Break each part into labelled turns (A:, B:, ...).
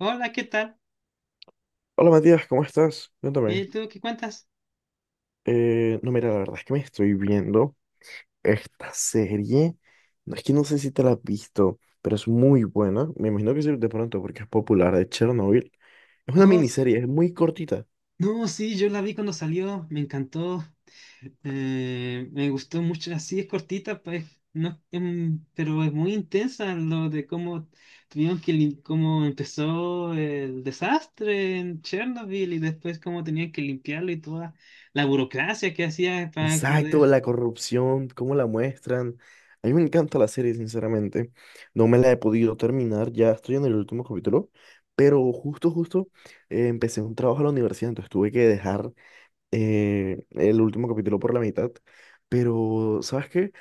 A: Hola, ¿qué tal?
B: Hola Matías, ¿cómo estás?
A: Bien,
B: Cuéntame.
A: ¿tú qué cuentas?
B: No, mira, la verdad es que me estoy viendo esta serie. No, es que no sé si te la has visto, pero es muy buena. Me imagino que sí de pronto porque es popular de Chernobyl. Es una
A: Oh, s-
B: miniserie, es muy cortita.
A: no, sí, yo la vi cuando salió, me encantó, me gustó mucho, así es cortita, pues, no, pero es muy intensa lo de cómo cómo empezó el desastre en Chernobyl y después cómo tenían que limpiarlo y toda la burocracia que hacía para
B: Exacto,
A: poder,
B: la corrupción, cómo la muestran. A mí me encanta la serie, sinceramente. No me la he podido terminar, ya estoy en el último capítulo, pero justo empecé un trabajo en la universidad, entonces tuve que dejar el último capítulo por la mitad. Pero, ¿sabes qué?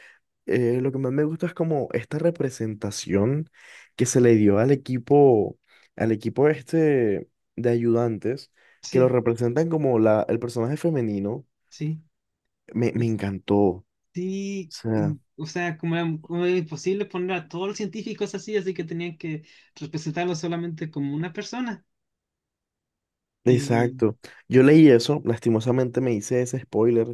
B: Lo que más me gusta es como esta representación que se le dio al equipo este de ayudantes, que lo
A: sí,
B: representan como la, el personaje femenino.
A: sí.
B: Me encantó. O
A: Sí, mm,
B: sea,
A: o sea, como era imposible poner a todos los científicos así que tenían que representarlo solamente como una persona. Y
B: exacto. Yo leí eso, lastimosamente me hice ese spoiler,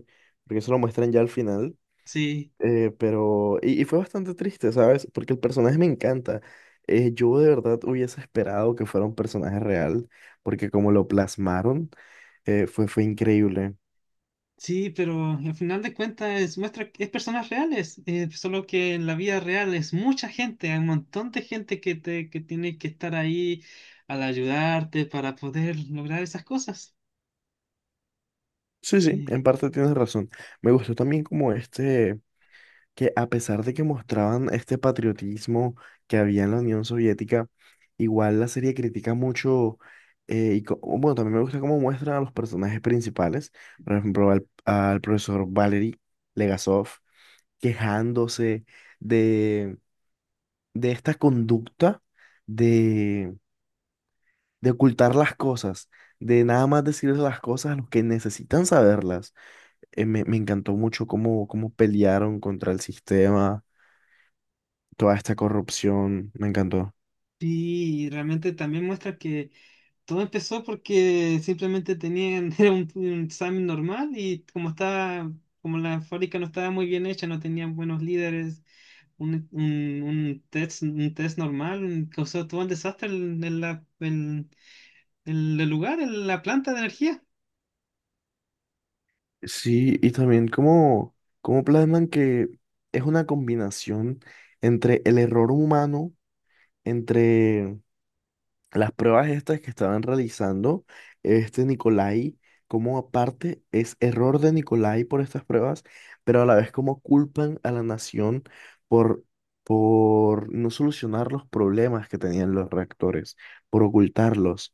B: porque eso lo muestran ya al final.
A: sí,
B: Pero, y fue bastante triste, ¿sabes? Porque el personaje me encanta. Yo de verdad hubiese esperado que fuera un personaje real, porque como lo plasmaron, fue increíble.
A: sí, pero al final de cuentas muestra, que es personas reales, solo que en la vida real es mucha gente, hay un montón de gente que tiene que estar ahí al ayudarte para poder lograr esas cosas.
B: Sí, sí,
A: Y,
B: en parte tienes razón. Me gustó también como este, que a pesar de que mostraban este patriotismo que había en la Unión Soviética, igual la serie critica mucho, bueno, también me gusta cómo muestran a los personajes principales, por ejemplo, al profesor Valery Legasov quejándose de, de esta conducta de, de ocultar las cosas, de nada más decirles las cosas a los que necesitan saberlas. Me encantó mucho cómo pelearon contra el sistema, toda esta corrupción, me encantó.
A: y realmente también muestra que todo empezó porque simplemente tenían era un examen normal y como estaba, como la fábrica no estaba muy bien hecha, no tenían buenos líderes, un test normal, causó todo un desastre en el lugar, en la planta de energía.
B: Sí, y también cómo plasman que es una combinación entre el error humano, entre las pruebas estas que estaban realizando este Nicolai, como aparte es error de Nicolai por estas pruebas, pero a la vez como culpan a la nación por, por no solucionar los problemas que tenían los reactores, por ocultarlos.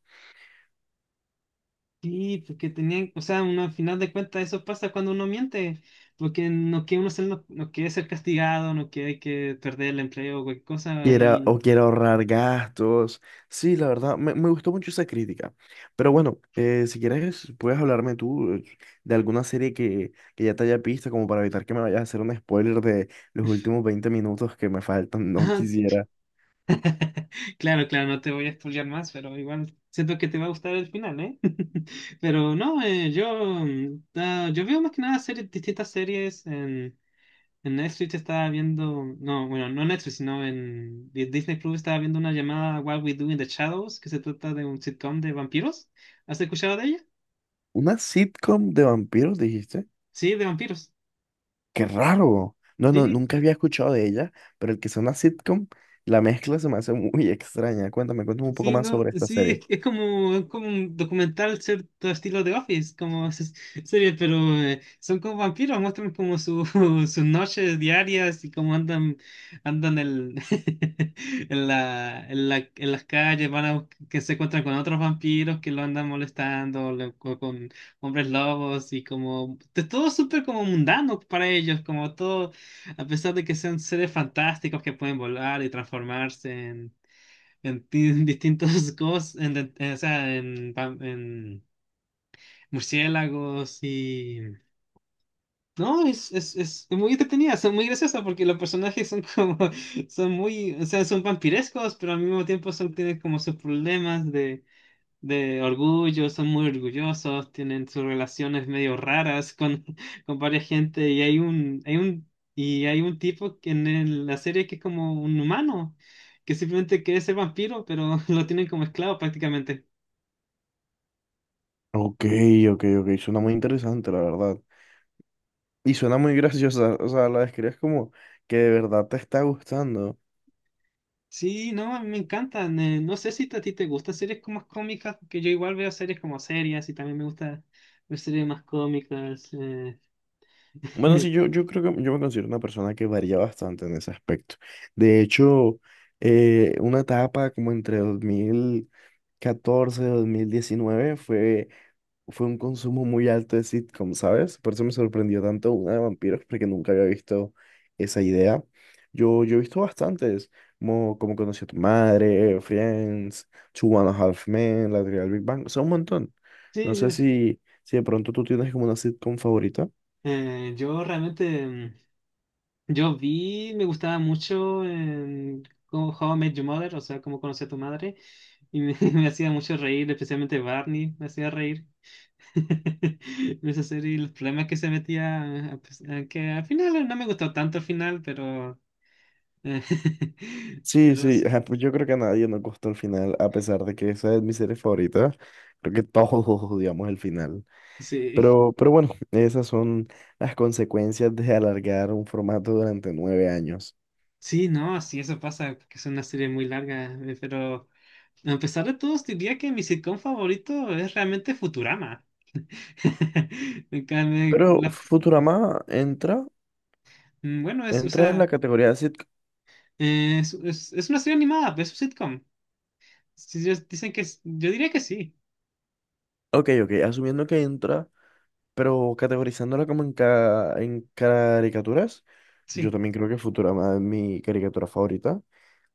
A: Sí, porque tenían, o sea, uno, al final de cuentas eso pasa cuando uno miente, porque no quiere uno no, no quiere ser castigado, no quiere que perder el empleo o cualquier cosa
B: Quiera,
A: y...
B: o quiera ahorrar gastos. Sí, la verdad, me gustó mucho esa crítica. Pero bueno, si quieres, puedes hablarme tú de alguna serie que ya te haya visto, como para evitar que me vayas a hacer un spoiler de los últimos 20 minutos que me faltan. No quisiera.
A: Claro, claro, no te voy a spoilear más, pero igual siento que te va a gustar el final, ¿eh? Pero no, yo, mm, ah, yo veo más que nada series, distintas series en Netflix estaba viendo, no, bueno, no Netflix, sino en Disney Plus estaba viendo una llamada What We Do in the Shadows, que se trata de un sitcom de vampiros. ¿Has escuchado de ella?
B: ¿Una sitcom de vampiros, dijiste?
A: Sí, de vampiros.
B: ¡Qué raro! No, no,
A: Sí,
B: nunca había escuchado de ella, pero el que sea una sitcom, la mezcla se me hace muy extraña. Cuéntame, cuéntame un poco
A: Sí,
B: más
A: no,
B: sobre esta
A: sí,
B: serie.
A: es como un documental, cierto estilo de Office, como serie, pero son como vampiros, muestran como su, sus noches diarias y cómo andan en las calles, que se encuentran con otros vampiros que lo andan molestando, hombres lobos y como, de todo súper como mundano para ellos, como todo, a pesar de que sean seres fantásticos que pueden volar y transformarse en distintos cosas, o sea, en murciélagos y... No, es muy entretenida, son muy graciosas porque los personajes son como, son muy, o sea, son vampirescos, pero al mismo tiempo son, tienen como sus problemas de orgullo, son muy orgullosos, tienen sus relaciones medio raras con, con varias gente y y hay un tipo que en la serie que es como un humano, que simplemente quiere ser vampiro, pero lo tienen como esclavo prácticamente.
B: Ok, ok, ok, suena muy interesante, la verdad. Y suena muy graciosa, o sea, la describes como que de verdad te está gustando.
A: Sí, no, a mí me encantan. No sé si a ti te gustan series como más cómicas, porque yo igual veo series como serias y también me gusta ver series más cómicas. Eh.
B: Bueno, sí, yo, yo creo que yo me considero una persona que varía bastante en ese aspecto. De hecho, una etapa como entre 2014 y 2019 fue un consumo muy alto de sitcom, ¿sabes? Por eso me sorprendió tanto una de vampiros, porque nunca había visto esa idea. Yo he visto bastantes, como Conocí a tu madre, Friends, Two and a Half Men, La teoría del Big Bang, son un montón. No sé
A: Sí,
B: si de pronto tú tienes como una sitcom favorita.
A: yo realmente... mm, yo vi, me gustaba mucho en cómo How I Met Your Mother, o sea, cómo conocí a tu madre, y me hacía mucho reír, especialmente Barney, me hacía reír. En esa serie, y los problemas que se metía, a que al final no me gustó tanto al final, pero, eh,
B: Sí,
A: pero
B: sí,
A: sí,
B: ajá, pues yo creo que a nadie nos gustó el final, a pesar de que esa es mi serie favorita. Creo que todos odiamos el final.
A: sí,
B: Pero bueno, esas son las consecuencias de alargar un formato durante 9 años.
A: sí, no, sí, eso pasa, porque es una serie muy larga, pero a pesar de todo, diría que mi sitcom favorito es realmente Futurama. En
B: Pero
A: cambio,
B: Futurama entra,
A: mm, bueno, o
B: entra en
A: sea,
B: la categoría de sitcom.
A: es una serie animada, es un sitcom. Si ellos dicen que yo diría que sí,
B: Ok, ok, asumiendo que entra, pero categorizándola como en caricaturas, yo
A: sí,
B: también creo que Futurama es mi caricatura favorita.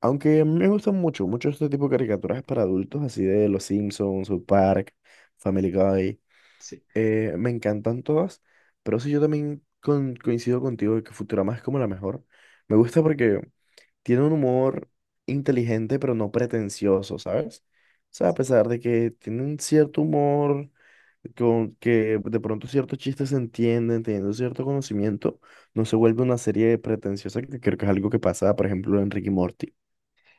B: Aunque a mí me gustan mucho, mucho este tipo de caricaturas para adultos, así de Los Simpsons, South Park, Family Guy.
A: sí.
B: Me encantan todas, pero sí yo también coincido contigo de que Futurama es como la mejor. Me gusta porque tiene un humor inteligente, pero no pretencioso, ¿sabes? O sea, a pesar de que tiene un cierto humor, con que de pronto ciertos chistes se entienden, teniendo cierto conocimiento, no se vuelve una serie pretenciosa, que creo que es algo que pasa, por ejemplo, en Ricky Morty.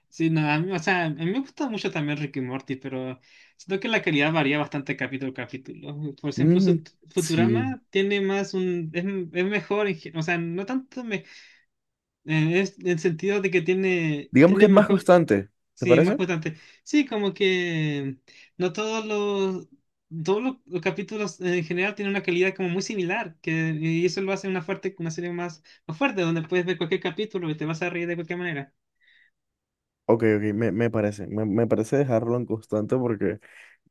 A: Sí, no, a mí, o sea, a mí me gusta mucho también Rick y Morty, pero siento que la calidad varía bastante capítulo a capítulo. Por ejemplo, su
B: Mm, sí,
A: Futurama tiene más es mejor, o sea, no tanto me, es en sentido de que
B: digamos que
A: tiene
B: es más
A: mejor,
B: constante, ¿te
A: sí, más
B: parece?
A: constante. Sí, como que no todos los, todos los capítulos en general tienen una calidad como muy similar, que, y eso lo hace una fuerte, una serie más, más fuerte, donde puedes ver cualquier capítulo y te vas a reír de cualquier manera.
B: Ok, ok, me parece, me parece dejarlo en constante porque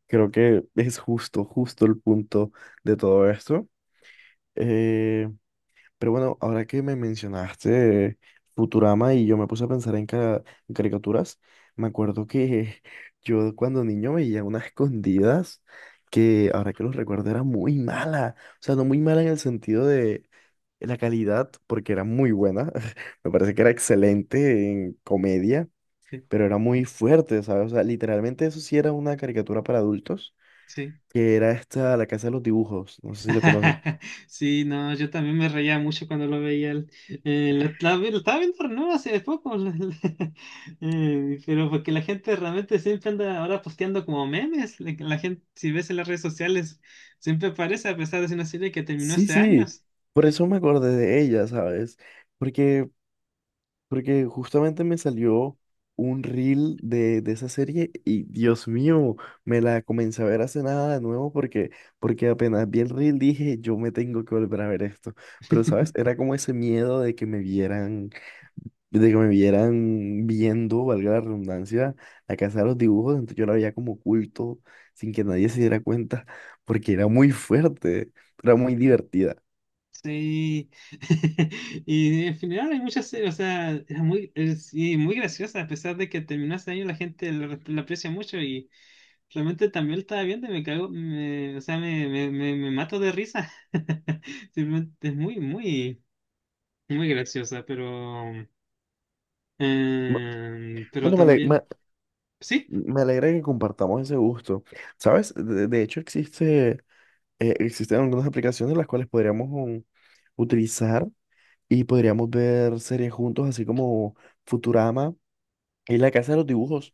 B: creo que es justo el punto de todo esto. Eh, pero bueno, ahora que me mencionaste Futurama y yo me puse a pensar en caricaturas, me acuerdo que yo cuando niño veía unas escondidas que ahora que los recuerdo era muy mala. O sea, no muy mala en el sentido de la calidad, porque era muy buena. Me parece que era excelente en comedia,
A: Sí,
B: pero era muy fuerte, ¿sabes? O sea, literalmente eso sí era una caricatura para adultos
A: sí.
B: que era esta, la casa de los dibujos, no sé si lo conoces.
A: Sí, no, yo también me reía mucho cuando lo veía. Lo estaba viendo no hace poco, pero porque la gente realmente siempre anda ahora posteando como memes. La gente, si ves en las redes sociales, siempre aparece a pesar de ser una serie que terminó
B: Sí,
A: hace
B: sí,
A: años.
B: por eso me acordé de ella, ¿sabes? Porque, porque justamente me salió un reel de esa serie y Dios mío, me la comencé a ver hace nada de nuevo porque, porque apenas vi el reel dije, yo me tengo que volver a ver esto. Pero, ¿sabes? Era como ese miedo de que me vieran viendo, valga la redundancia, la casa de los dibujos, entonces yo la veía como oculto, sin que nadie se diera cuenta, porque era muy fuerte, era muy divertida.
A: Sí, y en general hay muchas series, o sea, es muy, y muy graciosa, a pesar de que terminó hace años, la gente la aprecia mucho y realmente también la estaba viendo y me cago, o sea, me mato de risa. Simplemente es muy, muy, muy graciosa, pero,
B: Bu-
A: pero
B: Bueno, me, ale- me-
A: también, sí.
B: me alegra que compartamos ese gusto. ¿Sabes? De hecho, existen algunas aplicaciones las cuales podríamos utilizar y podríamos ver series juntos, así como Futurama. Y la casa de los dibujos.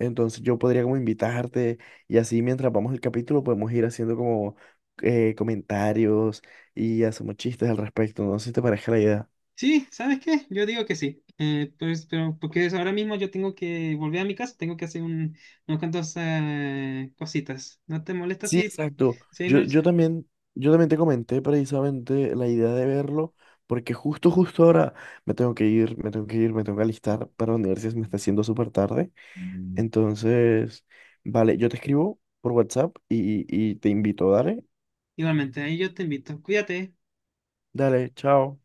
B: Entonces yo podría como invitarte y así mientras vamos el capítulo podemos ir haciendo como comentarios y hacemos chistes al respecto. No sé si te parece la idea.
A: Sí, ¿sabes qué? Yo digo que sí. Pues, pero porque ahora mismo yo tengo que volver a mi casa, tengo que hacer unas cuantos cositas. ¿No te molesta
B: Sí,
A: si,
B: exacto.
A: si no?
B: Yo, yo también, yo también te comenté precisamente la idea de verlo porque justo ahora me tengo que ir, me tengo que alistar para la universidad, se me está haciendo súper tarde. Entonces, vale, yo te escribo por WhatsApp y te invito, dale,
A: Igualmente, ahí yo te invito. Cuídate.
B: dale, chao.